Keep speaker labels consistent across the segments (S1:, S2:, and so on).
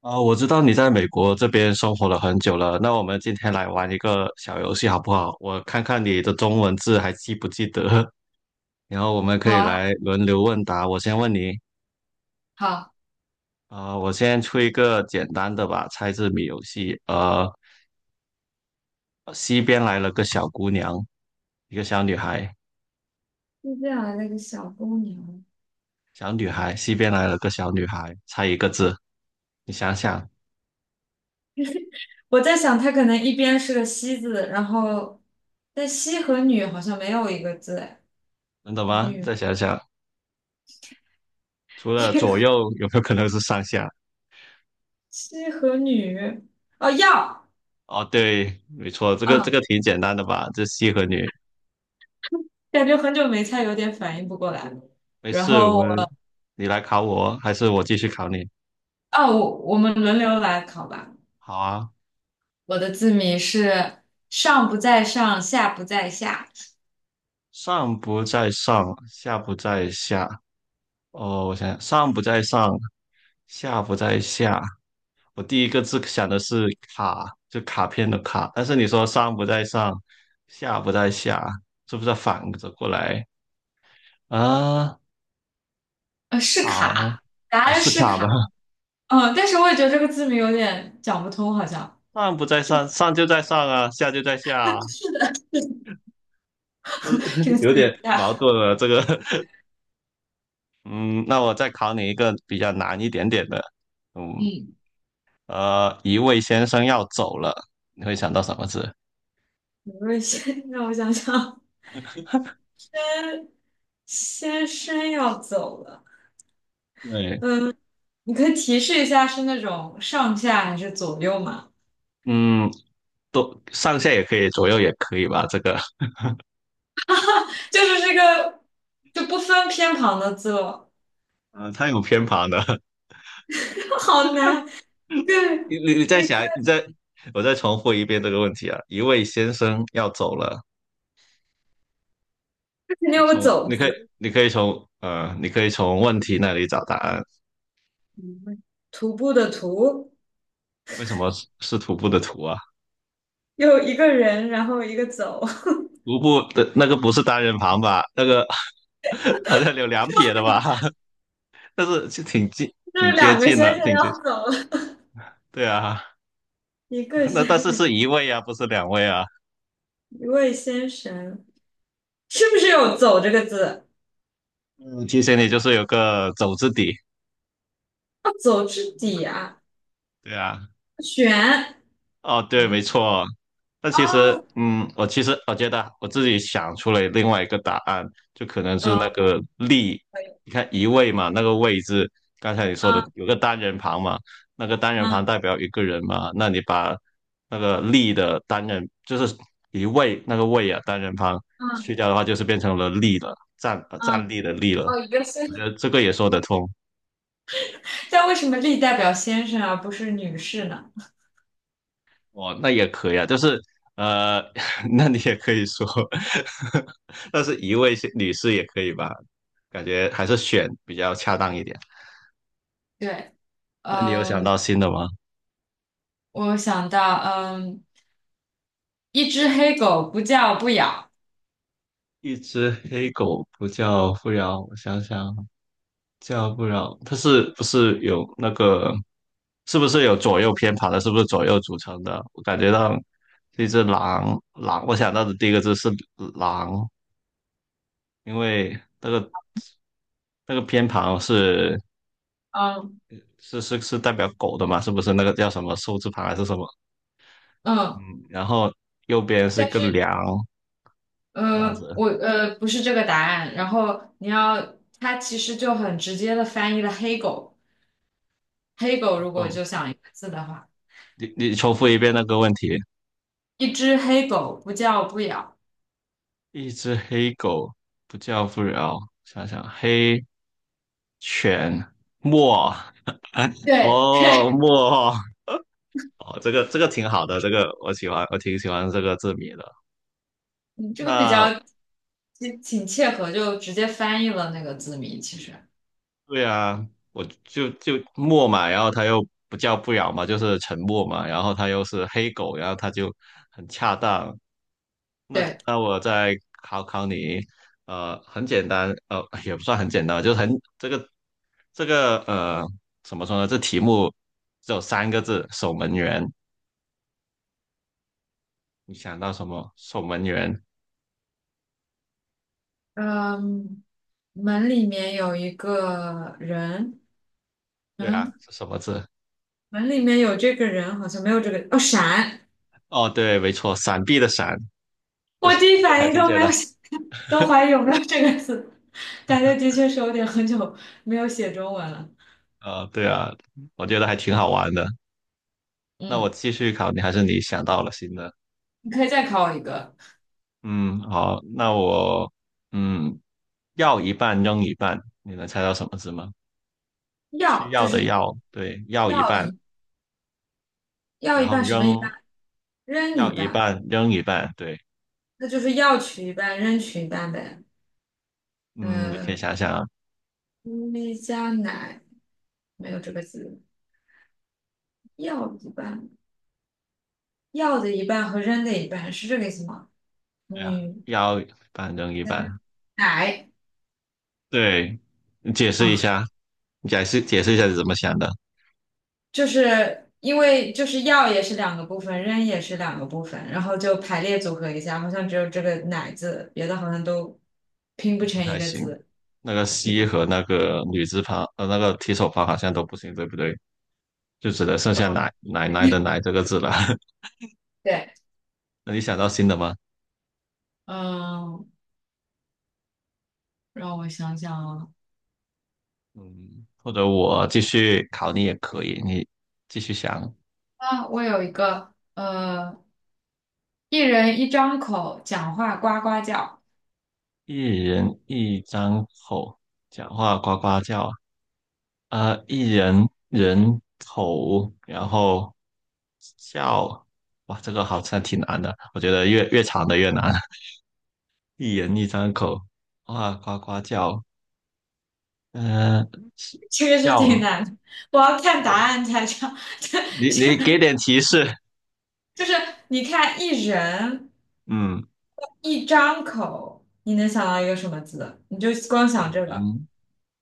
S1: 啊、我知道你在美国这边生活了很久了，那我们今天来玩一个小游戏好不好？我看看你的中文字还记不记得，然后我们可
S2: 好
S1: 以
S2: 啊。
S1: 来轮流问答。我先问你，
S2: 好。
S1: 啊、我先出一个简单的吧，猜字谜游戏。西边来了个小姑娘，一个小女孩，
S2: 就这样的那个小公牛。
S1: 小女孩，西边来了个小女孩，猜一个字。你想想，
S2: 我在想它可能一边是个西字，然后但西和女好像没有一个字哎。
S1: 能懂吗？
S2: 女。
S1: 再想想，除了左 右，有没有可能是上下？
S2: 西和女。哦要。
S1: 哦，对，没错，这个这
S2: 嗯。
S1: 个挺简单的吧？这西和女，
S2: 感觉很久没猜，有点反应不过来了。
S1: 没
S2: 然
S1: 事，我
S2: 后
S1: 们
S2: 我。
S1: 你来考我，还是我继续考你？
S2: 哦，我们轮流来考吧。
S1: 好啊，
S2: 我的字谜是上不在上，下不在下。
S1: 上不在上，下不在下。哦，我想想，上不在上，下不在下。我第一个字想的是卡，就卡片的卡，但是你说上不在上，下不在下，是不是反着过来啊？
S2: 是
S1: 好，
S2: 卡，答
S1: 哦，
S2: 案
S1: 是
S2: 是
S1: 卡吧？
S2: 卡。嗯，但是我也觉得这个字谜有点讲不通，好像。
S1: 上不在上，上就在上啊，下就在下啊。
S2: 这个
S1: 有
S2: 词语
S1: 点
S2: 不
S1: 矛
S2: 大。
S1: 盾了。这个，嗯，那我再考你一个比较难一点点的，嗯，
S2: 嗯。
S1: 一位先生要走了，你会想到什么字？
S2: 我位先让我想想。先。先生要走了。
S1: 对，
S2: 你可以提示一下是那种上下还是左右嘛？
S1: 嗯，都上下也可以，左右也可以吧？这个，
S2: 就是这个。就不分偏旁的字了。
S1: 嗯，它有偏旁的。
S2: 好难。一个。
S1: 你再
S2: 一个。
S1: 想，你再，我再重复一遍这个问题啊。一位先生要走了，
S2: 肯定
S1: 你
S2: 有个
S1: 从
S2: 走
S1: 你可以
S2: 字。
S1: 你可以从呃，你可以从问题那里找答案。
S2: 嗯徒步的徒。
S1: 为什么是徒步的徒啊？
S2: 又一个人，然后一个走。
S1: 徒步的那个不是单人旁吧？那个 好像有两撇的吧？但是就挺近，
S2: 就是
S1: 挺接
S2: 两个
S1: 近了，
S2: 先生
S1: 挺接
S2: 要
S1: 近。
S2: 走了。
S1: 对啊，
S2: 一个
S1: 那
S2: 先
S1: 但是
S2: 生。
S1: 是一位啊，不是两位啊。
S2: 一位先生。是不是有走这个字？
S1: 嗯，提醒你就是有个走字底。
S2: 要走至底啊。
S1: 对啊，
S2: 选。
S1: 哦，对，没
S2: 嗯。
S1: 错。那其实，
S2: 哦。
S1: 嗯，我其实我觉得啊我自己想出了另外一个答案，就可能是那
S2: 嗯。
S1: 个力。
S2: 可以。
S1: 你看一位嘛，那个位字，刚才你说的
S2: 嗯
S1: 有个单人旁嘛，那个单人旁
S2: 嗯
S1: 代表一个人嘛，那你把那个力的单人就是一位那个位啊，单人旁
S2: 嗯
S1: 去掉的话，就是变成了力了，站
S2: 嗯，
S1: 站立的立了。
S2: 哦，一个先，
S1: 我觉
S2: 生。
S1: 得这个也说得通。
S2: 但为什么力代表先生而不是女士呢？
S1: 哦，那也可以啊，呃，那你也可以说，但是一位女士也可以吧？感觉还是选比较恰当一点。
S2: 对。
S1: 那你有想
S2: 嗯。
S1: 到新的吗？
S2: 我想到，嗯，一只黑狗不叫不咬。
S1: 一只黑狗不叫不饶，我想想，叫不饶，它是不是有那个，是不是有左右偏旁的？是不是左右组成的？我感觉到这只狼，狼，我想到的第一个字是狼，因为那个那个偏旁是。
S2: 嗯。
S1: 是代表狗的嘛？是不是那个叫什么寿字旁还是什么？嗯，
S2: 嗯。
S1: 然后右边是一
S2: 但
S1: 个
S2: 是，
S1: 梁，这样
S2: 呃
S1: 子。
S2: 我呃不是这个答案，然后你要，它其实就很直接的翻译了黑狗。黑狗
S1: 黑
S2: 如果
S1: 狗，
S2: 就想一个字的话，
S1: 你你重复一遍那个问题。
S2: 一只黑狗不叫不咬。
S1: 一只黑狗不叫不了。想想黑犬墨，
S2: 对。
S1: 哦墨，哦这个挺好的，这个我喜欢，我挺喜欢这个字谜的。
S2: 这个比
S1: 那
S2: 较挺挺切合，就直接翻译了那个字谜。其实。
S1: 对啊，我就就默嘛，然后他又不叫不咬嘛，就是沉默嘛，然后他又是黑狗，然后他就很恰当。那
S2: 对。
S1: 那我再考考你，呃，很简单，呃，也不算很简单，就是很这个这个呃，怎么说呢？这题目只有三个字，守门员。你想到什么？守门员？
S2: 嗯。门里面有一个人。
S1: 对啊，
S2: 嗯。
S1: 是什么字？
S2: 门里面有这个人，好像没有这个。哦，闪。
S1: 哦，对，没错，闪避的闪，就
S2: 我
S1: 是
S2: 第
S1: 这
S2: 一
S1: 个
S2: 反
S1: 还
S2: 应
S1: 挺
S2: 都
S1: 简
S2: 没
S1: 单。
S2: 有想。 都怀疑 有没有这个字。感觉的确是有点很久没有写中文了。
S1: 呃，对啊，我觉得还挺好玩的。那我
S2: 嗯。
S1: 继续考你，还是你想到了新的？
S2: 你可以再考我一个。
S1: 嗯，好，那我嗯，要一半扔一半，你能猜到什么字吗？需
S2: 要
S1: 要
S2: 就
S1: 的
S2: 是。
S1: 要，对，要一
S2: 要
S1: 半，
S2: 一要
S1: 然
S2: 一
S1: 后
S2: 半什么一半。
S1: 扔，
S2: 扔一
S1: 要一
S2: 半。
S1: 半，扔一半，对，
S2: 那就是要取一半，扔取一半呗。
S1: 嗯，你可以
S2: 嗯、
S1: 想想啊，
S2: 咪加奶没有这个字。药一半。药的一半和扔的一半是这个意思吗？
S1: 对啊，
S2: 女。
S1: 要一半扔一
S2: 加
S1: 半，
S2: 奶。
S1: 对，啊，你解释一
S2: 啊。
S1: 下，你解释一下是怎么想的，
S2: 就是因为就是药也是两个部分，扔也是两个部分，然后就排列组合一下，好像只有这个奶字，别的好像都拼不
S1: 不
S2: 成
S1: 太
S2: 一个
S1: 行。
S2: 字。
S1: 那个西和那个女字旁，呃，那个提手旁好像都不行，对不对？就只能剩下奶奶奶的奶这个字了。
S2: 对。
S1: 那你想到新的吗？
S2: 嗯。让我想想。啊。
S1: 嗯，或者我继续考你也可以，你继续想。
S2: 啊，我有一个，一人一张口，讲话呱呱叫。
S1: 一人一张口，讲话呱呱叫。呃，一人人口，然后叫。哇，这个好像挺难的，我觉得越长的越难。一人一张口，哇，呱呱叫。呃，是
S2: 这个是挺
S1: 叫，
S2: 难的，我要看答
S1: 哦
S2: 案才知道。
S1: 你你给点提示。
S2: 就是。你看一人
S1: 嗯，
S2: 一张口，你能想到一个什么字？你就光想这个。
S1: 人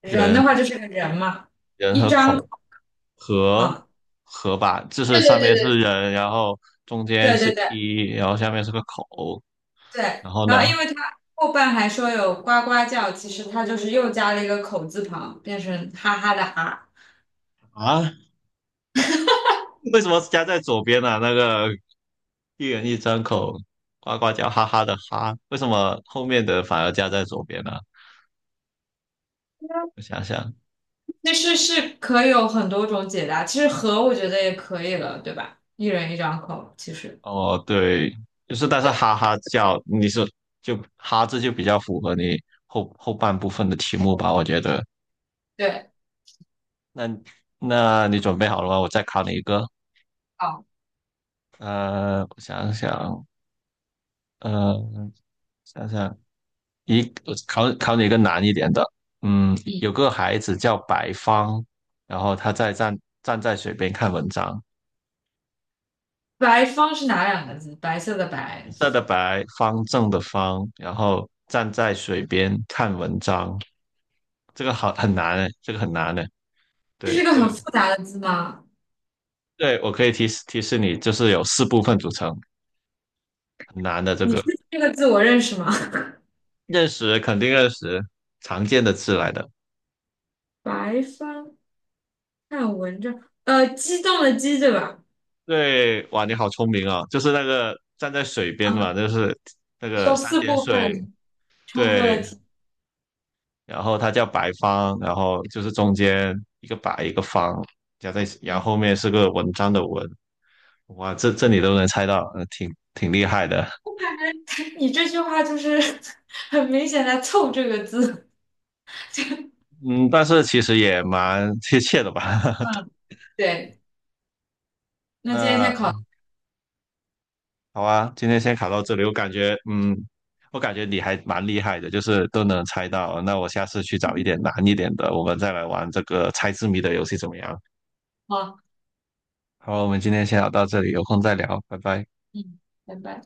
S2: 人的话
S1: 人
S2: 就是个人嘛。
S1: 人和口。河
S2: 啊？
S1: 河吧，就是
S2: 对
S1: 上
S2: 对
S1: 面
S2: 对
S1: 是
S2: 对。
S1: 人，然后中间
S2: 对对
S1: 是
S2: 对。
S1: 一，然后下面是个口，
S2: 对。
S1: 然后
S2: 然后
S1: 呢？
S2: 因为他后半还说有呱呱叫，其实他就是又加了一个口字旁，变成哈哈的哈。
S1: 啊，为什么加在左边呢、那个一人一张口，呱呱叫，哈哈的哈，为什么后面的反而加在左边呢、我想想，
S2: 那是是可以有很多种解答，其实和我觉得也可以了，对吧？一人一张口，其实
S1: 哦，对，就是但是
S2: 对。
S1: 哈哈叫，你说就哈字就比较符合你后半部分的题目吧，我觉得。
S2: 对。
S1: 那那你准备好了吗？我再考你一个。
S2: 哦。
S1: 呃，我想想，呃，想想一考考你一个难一点的，嗯，
S2: 嗯。
S1: 有个孩子叫白方，然后他在站在水边看文章，
S2: 白方是哪两个字？白色的
S1: 白
S2: 白。
S1: 色的白，方正的方，然后站在水边看文章，这个好很难诶，这个很难诶，
S2: 这是
S1: 对，
S2: 个
S1: 这个
S2: 很复杂的字吗？
S1: 对我可以提示提示你，就是有四部分组成，很难的这
S2: 你
S1: 个，
S2: 确定这个字我认识吗？
S1: 认识肯定认识，常见的字来的。
S2: 白帆。看文章，激动的激，对吧？
S1: 对，哇，你好聪明啊！就是那个站在水边嘛，
S2: 啊，
S1: 就是那
S2: 需
S1: 个
S2: 要
S1: 三
S2: 四
S1: 点
S2: 部
S1: 水，
S2: 分，充分了
S1: 对，
S2: 题。
S1: 然后它叫白方，然后就是中间一个白一个方，加在，然后
S2: 嗯。
S1: 后面是个文章的文，哇，这这你都能猜到，挺厉害的，
S2: 你这句话就是 很明显在凑这个字。
S1: 嗯，但是其实也蛮贴切的吧？
S2: 嗯。对。那今天先考。
S1: 那好啊，今天先考到这里，我感觉，嗯，我感觉你还蛮厉害的，就是都能猜到。那我下次去找一点难一点的，我们再来玩这个猜字谜的游戏怎么样？
S2: 好。
S1: 好，我们今天先聊到这里，有空再聊，拜拜。
S2: 嗯。拜拜。